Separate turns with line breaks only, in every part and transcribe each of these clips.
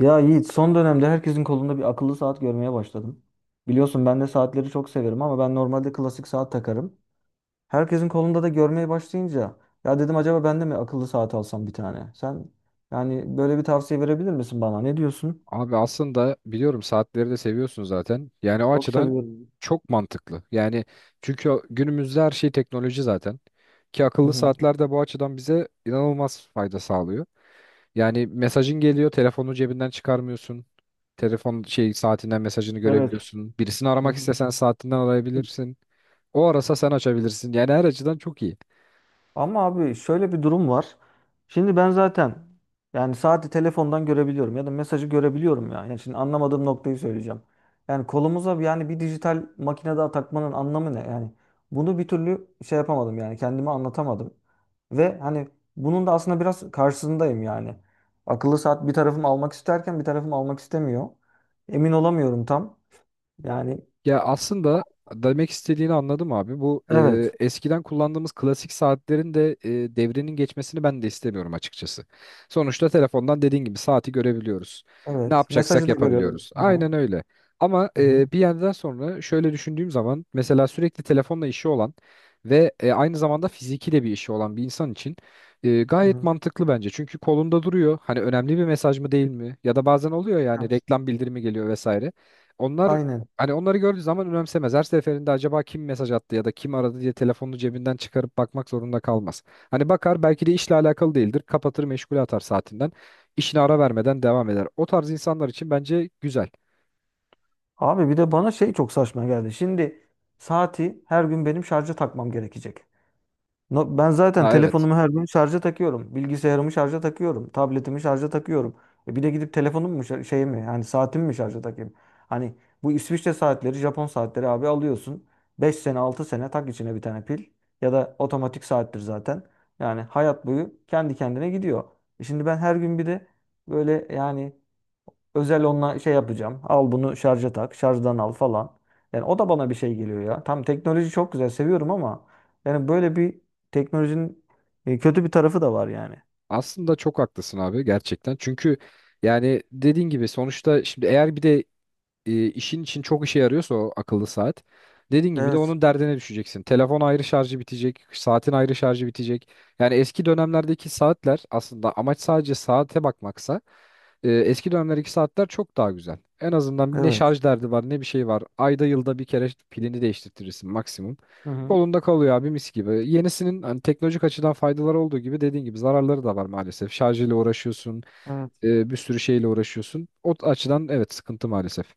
Ya Yiğit, son dönemde herkesin kolunda bir akıllı saat görmeye başladım. Biliyorsun ben de saatleri çok severim ama ben normalde klasik saat takarım. Herkesin kolunda da görmeye başlayınca ya dedim acaba ben de mi akıllı saat alsam bir tane? Sen yani böyle bir tavsiye verebilir misin bana? Ne diyorsun?
Abi aslında biliyorum saatleri de seviyorsun zaten. Yani o
Çok
açıdan
seviyorum.
çok mantıklı. Yani çünkü günümüzde her şey teknoloji zaten. Ki
Hı
akıllı
hı.
saatler de bu açıdan bize inanılmaz fayda sağlıyor. Yani mesajın geliyor, telefonu cebinden çıkarmıyorsun. Telefon şey saatinden mesajını
Evet.
görebiliyorsun. Birisini
Hı
aramak
hı.
istesen saatinden arayabilirsin. O arasa sen açabilirsin. Yani her açıdan çok iyi.
Ama abi şöyle bir durum var. Şimdi ben zaten yani saati telefondan görebiliyorum ya da mesajı görebiliyorum ya. Yani şimdi anlamadığım noktayı söyleyeceğim. Yani kolumuza yani bir dijital makine daha takmanın anlamı ne? Yani bunu bir türlü şey yapamadım yani kendime anlatamadım. Ve hani bunun da aslında biraz karşısındayım yani. Akıllı saat bir tarafım almak isterken bir tarafım almak istemiyor. Emin olamıyorum tam. Yani
Ya aslında demek istediğini anladım abi. Bu
evet,
eskiden kullandığımız klasik saatlerin de devrinin geçmesini ben de istemiyorum açıkçası. Sonuçta telefondan dediğin gibi saati görebiliyoruz. Ne
evet.
yapacaksak
Mesajı da görüyorum.
yapabiliyoruz.
Aha.
Aynen öyle. Ama
Hı hı.
bir yerden sonra şöyle düşündüğüm zaman mesela sürekli telefonla işi olan ve aynı zamanda fiziki de bir işi olan bir insan için
Hı
gayet
hı.
mantıklı bence. Çünkü kolunda duruyor. Hani önemli bir mesaj mı değil mi? Ya da bazen oluyor yani
Evet.
reklam bildirimi geliyor vesaire. Onlar
Aynen.
Hani onları gördüğü zaman önemsemez. Her seferinde acaba kim mesaj attı ya da kim aradı diye telefonunu cebinden çıkarıp bakmak zorunda kalmaz. Hani bakar belki de işle alakalı değildir. Kapatır meşgule atar saatinden. İşine ara vermeden devam eder. O tarz insanlar için bence güzel.
Abi bir de bana şey çok saçma geldi. Şimdi saati her gün benim şarja takmam gerekecek. Ben zaten
Ha, evet.
telefonumu her gün şarja takıyorum. Bilgisayarımı şarja takıyorum. Tabletimi şarja takıyorum. E bir de gidip telefonumu mu şey mi yani saatimi mi şarja takayım? Hani bu İsviçre saatleri, Japon saatleri abi alıyorsun. 5 sene 6 sene tak içine bir tane pil. Ya da otomatik saattir zaten. Yani hayat boyu kendi kendine gidiyor. E şimdi ben her gün bir de böyle yani özel onunla şey yapacağım. Al bunu şarja tak. Şarjdan al falan. Yani o da bana bir şey geliyor ya. Tam teknoloji çok güzel seviyorum ama yani böyle bir teknolojinin kötü bir tarafı da var yani.
Aslında çok haklısın abi gerçekten. Çünkü yani dediğin gibi sonuçta şimdi eğer bir de işin için çok işe yarıyorsa o akıllı saat. Dediğin gibi de
Evet.
onun derdine düşeceksin. Telefon ayrı şarjı bitecek, saatin ayrı şarjı bitecek. Yani eski dönemlerdeki saatler aslında amaç sadece saate bakmaksa eski dönemlerdeki saatler çok daha güzel. En azından ne
Evet.
şarj derdi var ne bir şey var. Ayda yılda bir kere pilini değiştirtirsin maksimum.
Hı
Kolunda kalıyor abi, mis gibi. Yenisinin hani teknolojik açıdan faydaları olduğu gibi dediğin gibi zararları da var maalesef. Şarjıyla uğraşıyorsun,
hı.
bir sürü şeyle uğraşıyorsun. O açıdan evet, sıkıntı maalesef.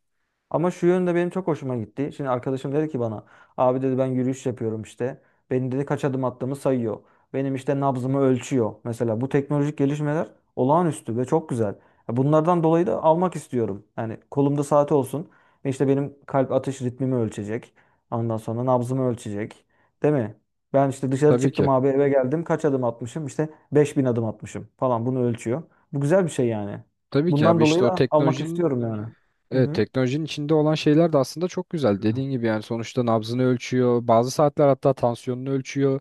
Ama şu yönde benim çok hoşuma gitti. Şimdi arkadaşım dedi ki bana abi dedi ben yürüyüş yapıyorum işte. Benim dedi kaç adım attığımı sayıyor. Benim işte nabzımı ölçüyor. Mesela bu teknolojik gelişmeler olağanüstü ve çok güzel. Ya bunlardan dolayı da almak istiyorum. Yani kolumda saati olsun ve işte benim kalp atış ritmimi ölçecek. Ondan sonra nabzımı ölçecek. Değil mi? Ben işte dışarı
Tabii
çıktım
ki.
abi, eve geldim, kaç adım atmışım? İşte 5.000 adım atmışım falan, bunu ölçüyor. Bu güzel bir şey yani.
Tabii ki
Bundan
abi,
dolayı
işte o
da almak
teknolojinin
istiyorum yani. Hı
evet,
hı.
teknolojinin içinde olan şeyler de aslında çok güzel. Dediğin gibi yani sonuçta nabzını ölçüyor. Bazı saatler hatta tansiyonunu ölçüyor.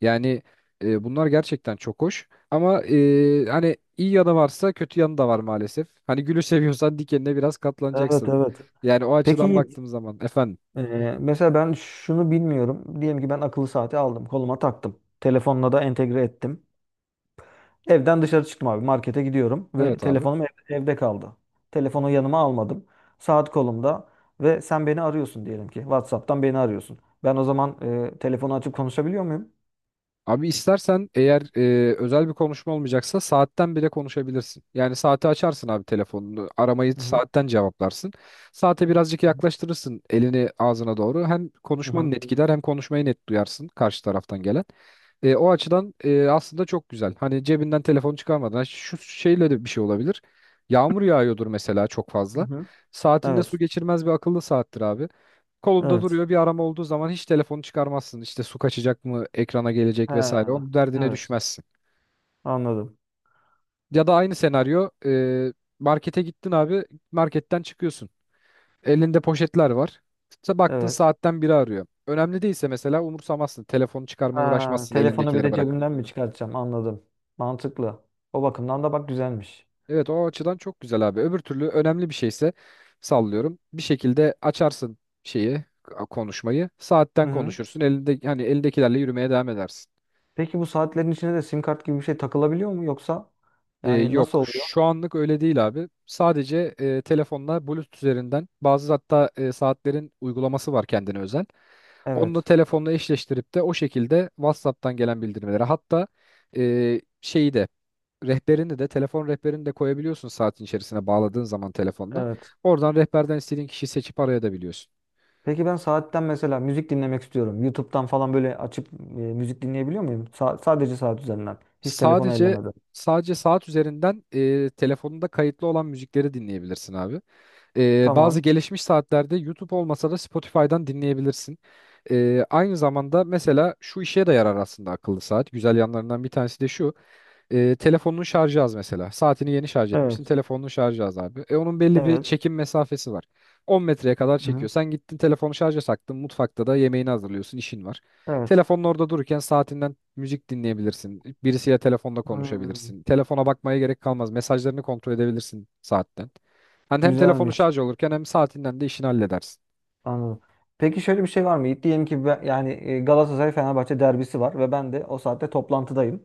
Yani bunlar gerçekten çok hoş. Ama hani iyi yanı varsa kötü yanı da var maalesef. Hani gülü seviyorsan dikenine biraz
Evet
katlanacaksın.
evet.
Yani o
Peki
açıdan
Yiğit,
baktığım zaman efendim.
e, mesela ben şunu bilmiyorum. Diyelim ki ben akıllı saati aldım, koluma taktım. Telefonla da entegre ettim. Evden dışarı çıktım abi, markete gidiyorum ve
Evet abi.
telefonum evde kaldı. Telefonu yanıma almadım. Saat kolumda ve sen beni arıyorsun diyelim ki. WhatsApp'tan beni arıyorsun. Ben o zaman telefonu açıp konuşabiliyor muyum?
Abi istersen eğer özel bir konuşma olmayacaksa saatten bile konuşabilirsin. Yani saati açarsın abi, telefonunu. Aramayı
Hı hı.
saatten cevaplarsın. Saate birazcık yaklaştırırsın elini ağzına doğru. Hem
Hı
konuşman
hı.
net gider hem konuşmayı net duyarsın karşı taraftan gelen. O açıdan aslında çok güzel. Hani cebinden telefonu çıkarmadan. Ha, şu şeyle de bir şey olabilir. Yağmur yağıyordur mesela çok
Hı
fazla.
hı.
Saatinde su
Evet.
geçirmez bir akıllı saattir abi, kolunda
Evet.
duruyor. Bir arama olduğu zaman hiç telefonu çıkarmazsın. İşte su kaçacak mı, ekrana
He,
gelecek vesaire. Onun derdine
evet.
düşmezsin.
Anladım.
Ya da aynı senaryo, markete gittin abi, marketten çıkıyorsun. Elinde poşetler var. Baktın
Evet.
saatten biri arıyor. Önemli değilse mesela umursamazsın. Telefonu çıkarmaya
Ha,
uğraşmazsın
telefonu bir
elindekileri
de
bırakıp.
cebimden mi çıkartacağım? Anladım. Mantıklı. O bakımdan da bak güzelmiş.
Evet, o açıdan çok güzel abi. Öbür türlü önemli bir şeyse sallıyorum, bir şekilde açarsın şeyi, konuşmayı.
Hı
Saatten
hı.
konuşursun. Elinde hani elindekilerle yürümeye devam edersin.
Peki bu saatlerin içine de sim kart gibi bir şey takılabiliyor mu, yoksa
Ee,
yani nasıl
yok
oluyor?
şu anlık öyle değil abi. Sadece telefonla Bluetooth üzerinden bazı, hatta saatlerin uygulaması var kendine özel. Onu da
Evet.
telefonla eşleştirip de o şekilde WhatsApp'tan gelen bildirimleri, hatta şeyi de, rehberini de, telefon rehberini de koyabiliyorsun saatin içerisine bağladığın zaman telefonla.
Evet.
Oradan rehberden istediğin kişiyi seçip arayabiliyorsun.
Peki ben saatten mesela müzik dinlemek istiyorum. YouTube'dan falan böyle açıp müzik dinleyebiliyor muyum? Sadece saat üzerinden. Hiç telefonu
Sadece
ellemeden.
sadece saat üzerinden telefonunda kayıtlı olan müzikleri dinleyebilirsin abi. Bazı
Tamam.
gelişmiş saatlerde YouTube olmasa da Spotify'dan dinleyebilirsin. Aynı zamanda mesela şu işe de yarar aslında akıllı saat. Güzel yanlarından bir tanesi de şu: telefonun şarjı az mesela. Saatini yeni şarj etmişsin.
Evet.
Telefonun şarjı az abi. Onun belli bir
Evet.
çekim mesafesi var. 10 metreye kadar
Hı.
çekiyor. Sen gittin telefonu şarja taktın. Mutfakta da yemeğini hazırlıyorsun, işin var.
Evet.
Telefonun orada dururken saatinden müzik dinleyebilirsin. Birisiyle telefonda
Hmm.
konuşabilirsin. Telefona bakmaya gerek kalmaz. Mesajlarını kontrol edebilirsin saatten. Hani hem telefonu
Güzelmiş.
şarj olurken hem saatinden de işini halledersin.
Anladım. Peki şöyle bir şey var mı, Yiğit? Diyelim ki ben, yani Galatasaray Fenerbahçe derbisi var ve ben de o saatte toplantıdayım.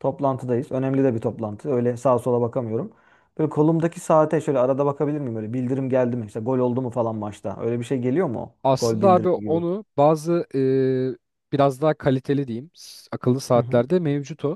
Toplantıdayız. Önemli de bir toplantı. Öyle sağa sola bakamıyorum. Böyle kolumdaki saate şöyle arada bakabilir miyim? Böyle bildirim geldi mi? İşte gol oldu mu falan maçta. Öyle bir şey geliyor mu, o? Gol
Aslında abi
bildirimi gibi.
onu bazı, biraz daha kaliteli diyeyim, akıllı
Hı hı.
saatlerde mevcut o.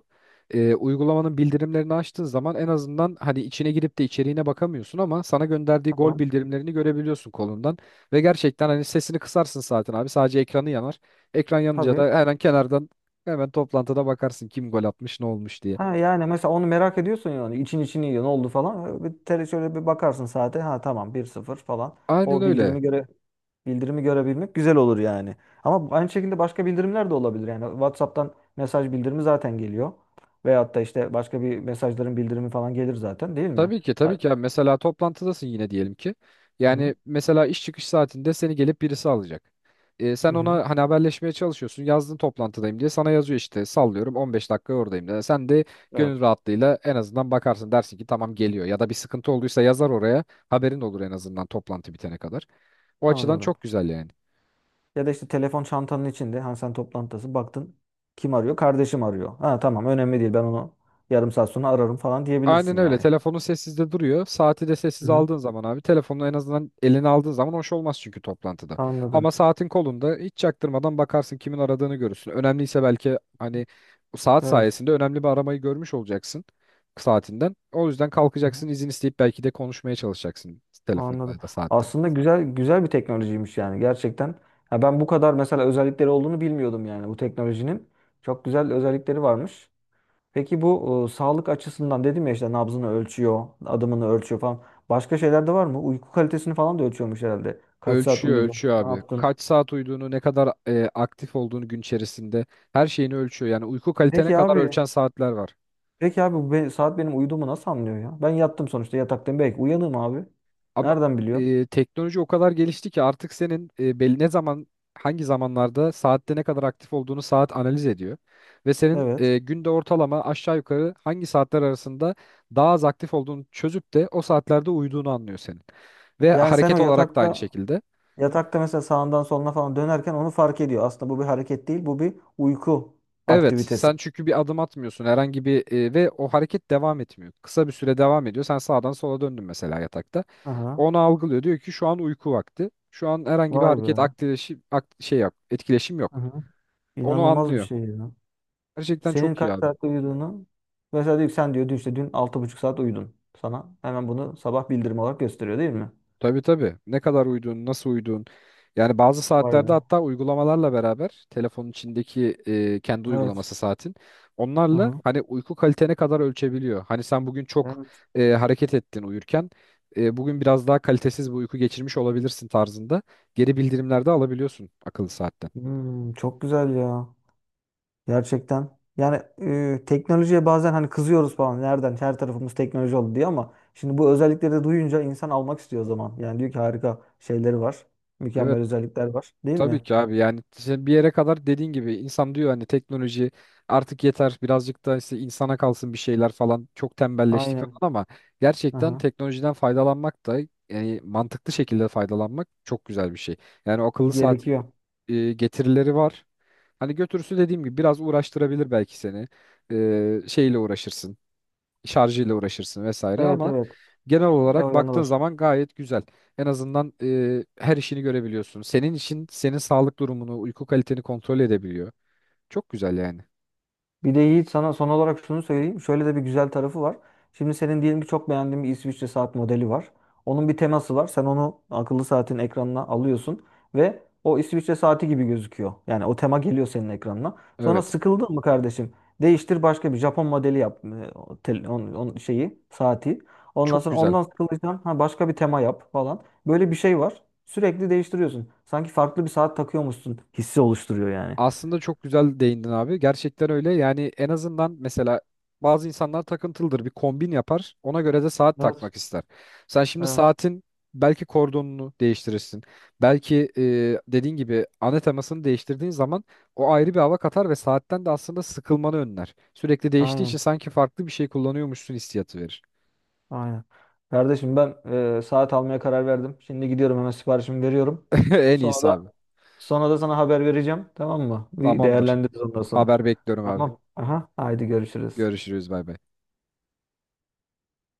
Uygulamanın bildirimlerini açtığın zaman en azından hani içine girip de içeriğine bakamıyorsun ama sana gönderdiği gol
Tamam.
bildirimlerini görebiliyorsun kolundan. Ve gerçekten hani sesini kısarsın zaten abi, sadece ekranı yanar. Ekran yanınca
Tabii.
da hemen kenardan, hemen toplantıda bakarsın kim gol atmış ne olmuş diye.
Ha yani mesela onu merak ediyorsun yani. İçin içini yiyor. Ne oldu falan. Öyle bir tele şöyle bir bakarsın saate. Ha tamam, 1-0 falan.
Aynen
O
öyle.
bildirimi göre Bildirimi görebilmek güzel olur yani. Ama aynı şekilde başka bildirimler de olabilir. Yani WhatsApp'tan mesaj bildirimi zaten geliyor. Veyahut da işte başka bir mesajların bildirimi falan gelir zaten, değil mi?
Tabii ki, tabii
Ay-
ki abi. Mesela toplantıdasın yine diyelim ki.
Hı hı.
Yani mesela iş çıkış saatinde seni gelip birisi alacak. E,
Hı
sen
hı.
ona hani haberleşmeye çalışıyorsun. Yazdın toplantıdayım diye, sana yazıyor işte sallıyorum 15 dakika oradayım diye. Sen de
Evet.
gönül rahatlığıyla en azından bakarsın, dersin ki tamam geliyor. Ya da bir sıkıntı olduysa yazar oraya, haberin olur en azından toplantı bitene kadar. O açıdan
Anladım.
çok güzel yani.
Ya da işte telefon çantanın içinde, hani sen toplantıdasın, baktın kim arıyor? Kardeşim arıyor. Ha tamam, önemli değil, ben onu yarım saat sonra ararım falan diyebilirsin
Aynen öyle.
yani.
Telefonun sessizde duruyor. Saati de
Hı
sessiz
hı.
aldığın zaman abi, telefonu en azından eline aldığın zaman hoş olmaz çünkü toplantıda.
Anladım.
Ama saatin kolunda hiç çaktırmadan bakarsın, kimin aradığını görürsün. Önemliyse belki hani saat
Evet.
sayesinde önemli bir aramayı görmüş olacaksın saatinden. O yüzden
Hı hı.
kalkacaksın izin isteyip belki de konuşmaya çalışacaksın telefonda
Anladım.
ya da saatten.
Aslında güzel güzel bir teknolojiymiş yani, gerçekten. Ha, ben bu kadar mesela özellikleri olduğunu bilmiyordum yani bu teknolojinin. Çok güzel özellikleri varmış. Peki bu sağlık açısından dedim ya, işte nabzını ölçüyor, adımını ölçüyor falan. Başka şeyler de var mı? Uyku kalitesini falan da ölçüyormuş herhalde. Kaç saat
Ölçüyor
uyudun?
ölçüyor
Ne
abi.
yaptın?
Kaç saat uyuduğunu, ne kadar aktif olduğunu gün içerisinde, her şeyini ölçüyor. Yani uyku kalitene
Peki
kadar
abi.
ölçen saatler var.
Peki abi, bu saat benim uyuduğumu nasıl anlıyor ya? Ben yattım sonuçta, yataktayım. Belki uyanığım abi.
Abi
Nereden biliyor?
teknoloji o kadar gelişti ki artık senin belli ne zaman, hangi zamanlarda saatte ne kadar aktif olduğunu saat analiz ediyor. Ve senin
Evet.
günde ortalama aşağı yukarı hangi saatler arasında daha az aktif olduğunu çözüp de o saatlerde uyuduğunu anlıyor senin. Ve
Yani sen o
hareket olarak da aynı
yatakta
şekilde.
Yatakta mesela sağından soluna falan dönerken onu fark ediyor. Aslında bu bir hareket değil, bu bir uyku
Evet,
aktivitesi.
sen çünkü bir adım atmıyorsun herhangi bir, ve o hareket devam etmiyor. Kısa bir süre devam ediyor. Sen sağdan sola döndün mesela yatakta,
Aha.
onu algılıyor. Diyor ki şu an uyku vakti. Şu an herhangi bir
Vay be.
hareket, aktileşim, ak- şey yap, etkileşim yok.
Aha.
Onu
İnanılmaz bir
anlıyor.
şey ya.
Gerçekten
Senin
çok iyi
kaç
abi.
saatte uyuduğunu mesela diyor ki sen diyor dün, işte dün 6,5 saat uyudun. Sana hemen bunu sabah bildirim olarak gösteriyor, değil mi?
Tabii tabii. Ne kadar uyuduğun, nasıl uyuduğun. Yani bazı
Vay
saatlerde
be.
hatta uygulamalarla beraber telefonun içindeki kendi
Evet.
uygulaması, saatin onlarla
Aha.
hani uyku kalitene kadar ölçebiliyor. Hani sen bugün çok
Evet.
hareket ettin uyurken, bugün biraz daha kalitesiz bir uyku geçirmiş olabilirsin tarzında geri bildirimlerde alabiliyorsun akıllı saatten.
Hmm, çok güzel ya. Gerçekten. Yani teknolojiye bazen hani kızıyoruz falan. Nereden? Her tarafımız teknoloji oldu diye, ama şimdi bu özellikleri de duyunca insan almak istiyor o zaman. Yani diyor ki harika şeyleri var. Mükemmel
Evet.
özellikler var, değil
Tabii
mi?
ki abi, yani işte bir yere kadar dediğin gibi insan diyor hani teknoloji artık yeter, birazcık da işte insana kalsın bir şeyler falan, çok tembelleştik
Aynen.
falan, ama gerçekten
Aha.
teknolojiden faydalanmak da, yani mantıklı şekilde faydalanmak çok güzel bir şey. Yani o akıllı saat
Gerekiyor.
getirileri var. Hani götürüsü dediğim gibi biraz uğraştırabilir belki seni. Şeyle uğraşırsın, şarjıyla uğraşırsın vesaire
Evet
ama
evet.
genel
E, o
olarak
yanı
baktığın
var.
zaman gayet güzel. En azından her işini görebiliyorsun. Senin için senin sağlık durumunu, uyku kaliteni kontrol edebiliyor. Çok güzel yani.
Bir de Yiğit, sana son olarak şunu söyleyeyim. Şöyle de bir güzel tarafı var. Şimdi senin diyelim ki çok beğendiğin bir İsviçre saat modeli var. Onun bir teması var. Sen onu akıllı saatin ekranına alıyorsun ve o İsviçre saati gibi gözüküyor. Yani o tema geliyor senin ekranına. Sonra
Evet.
sıkıldın mı, kardeşim? Değiştir, başka bir Japon modeli yap. On şeyi, saati. Ondan
Çok
sonra
güzel.
ondan sıkıldıysan ha, başka bir tema yap falan. Böyle bir şey var. Sürekli değiştiriyorsun. Sanki farklı bir saat takıyormuşsun hissi oluşturuyor yani.
Aslında çok güzel değindin abi. Gerçekten öyle. Yani en azından mesela bazı insanlar takıntılıdır. Bir kombin yapar, ona göre de saat
Evet,
takmak ister. Sen şimdi
evet.
saatin belki kordonunu değiştirirsin. Belki dediğin gibi ana temasını değiştirdiğin zaman o ayrı bir hava katar ve saatten de aslında sıkılmanı önler. Sürekli değiştiği için
Aynen.
sanki farklı bir şey kullanıyormuşsun hissiyatı verir.
Aynen. Kardeşim, ben saat almaya karar verdim. Şimdi gidiyorum, hemen siparişimi veriyorum.
En
Sonra
iyisi
da
abi.
sonra da sana haber vereceğim. Tamam mı? Bir
Tamamdır.
değerlendiririz ondan sonra.
Haber bekliyorum abi.
Tamam. Aha. Haydi görüşürüz.
Görüşürüz, bay bay.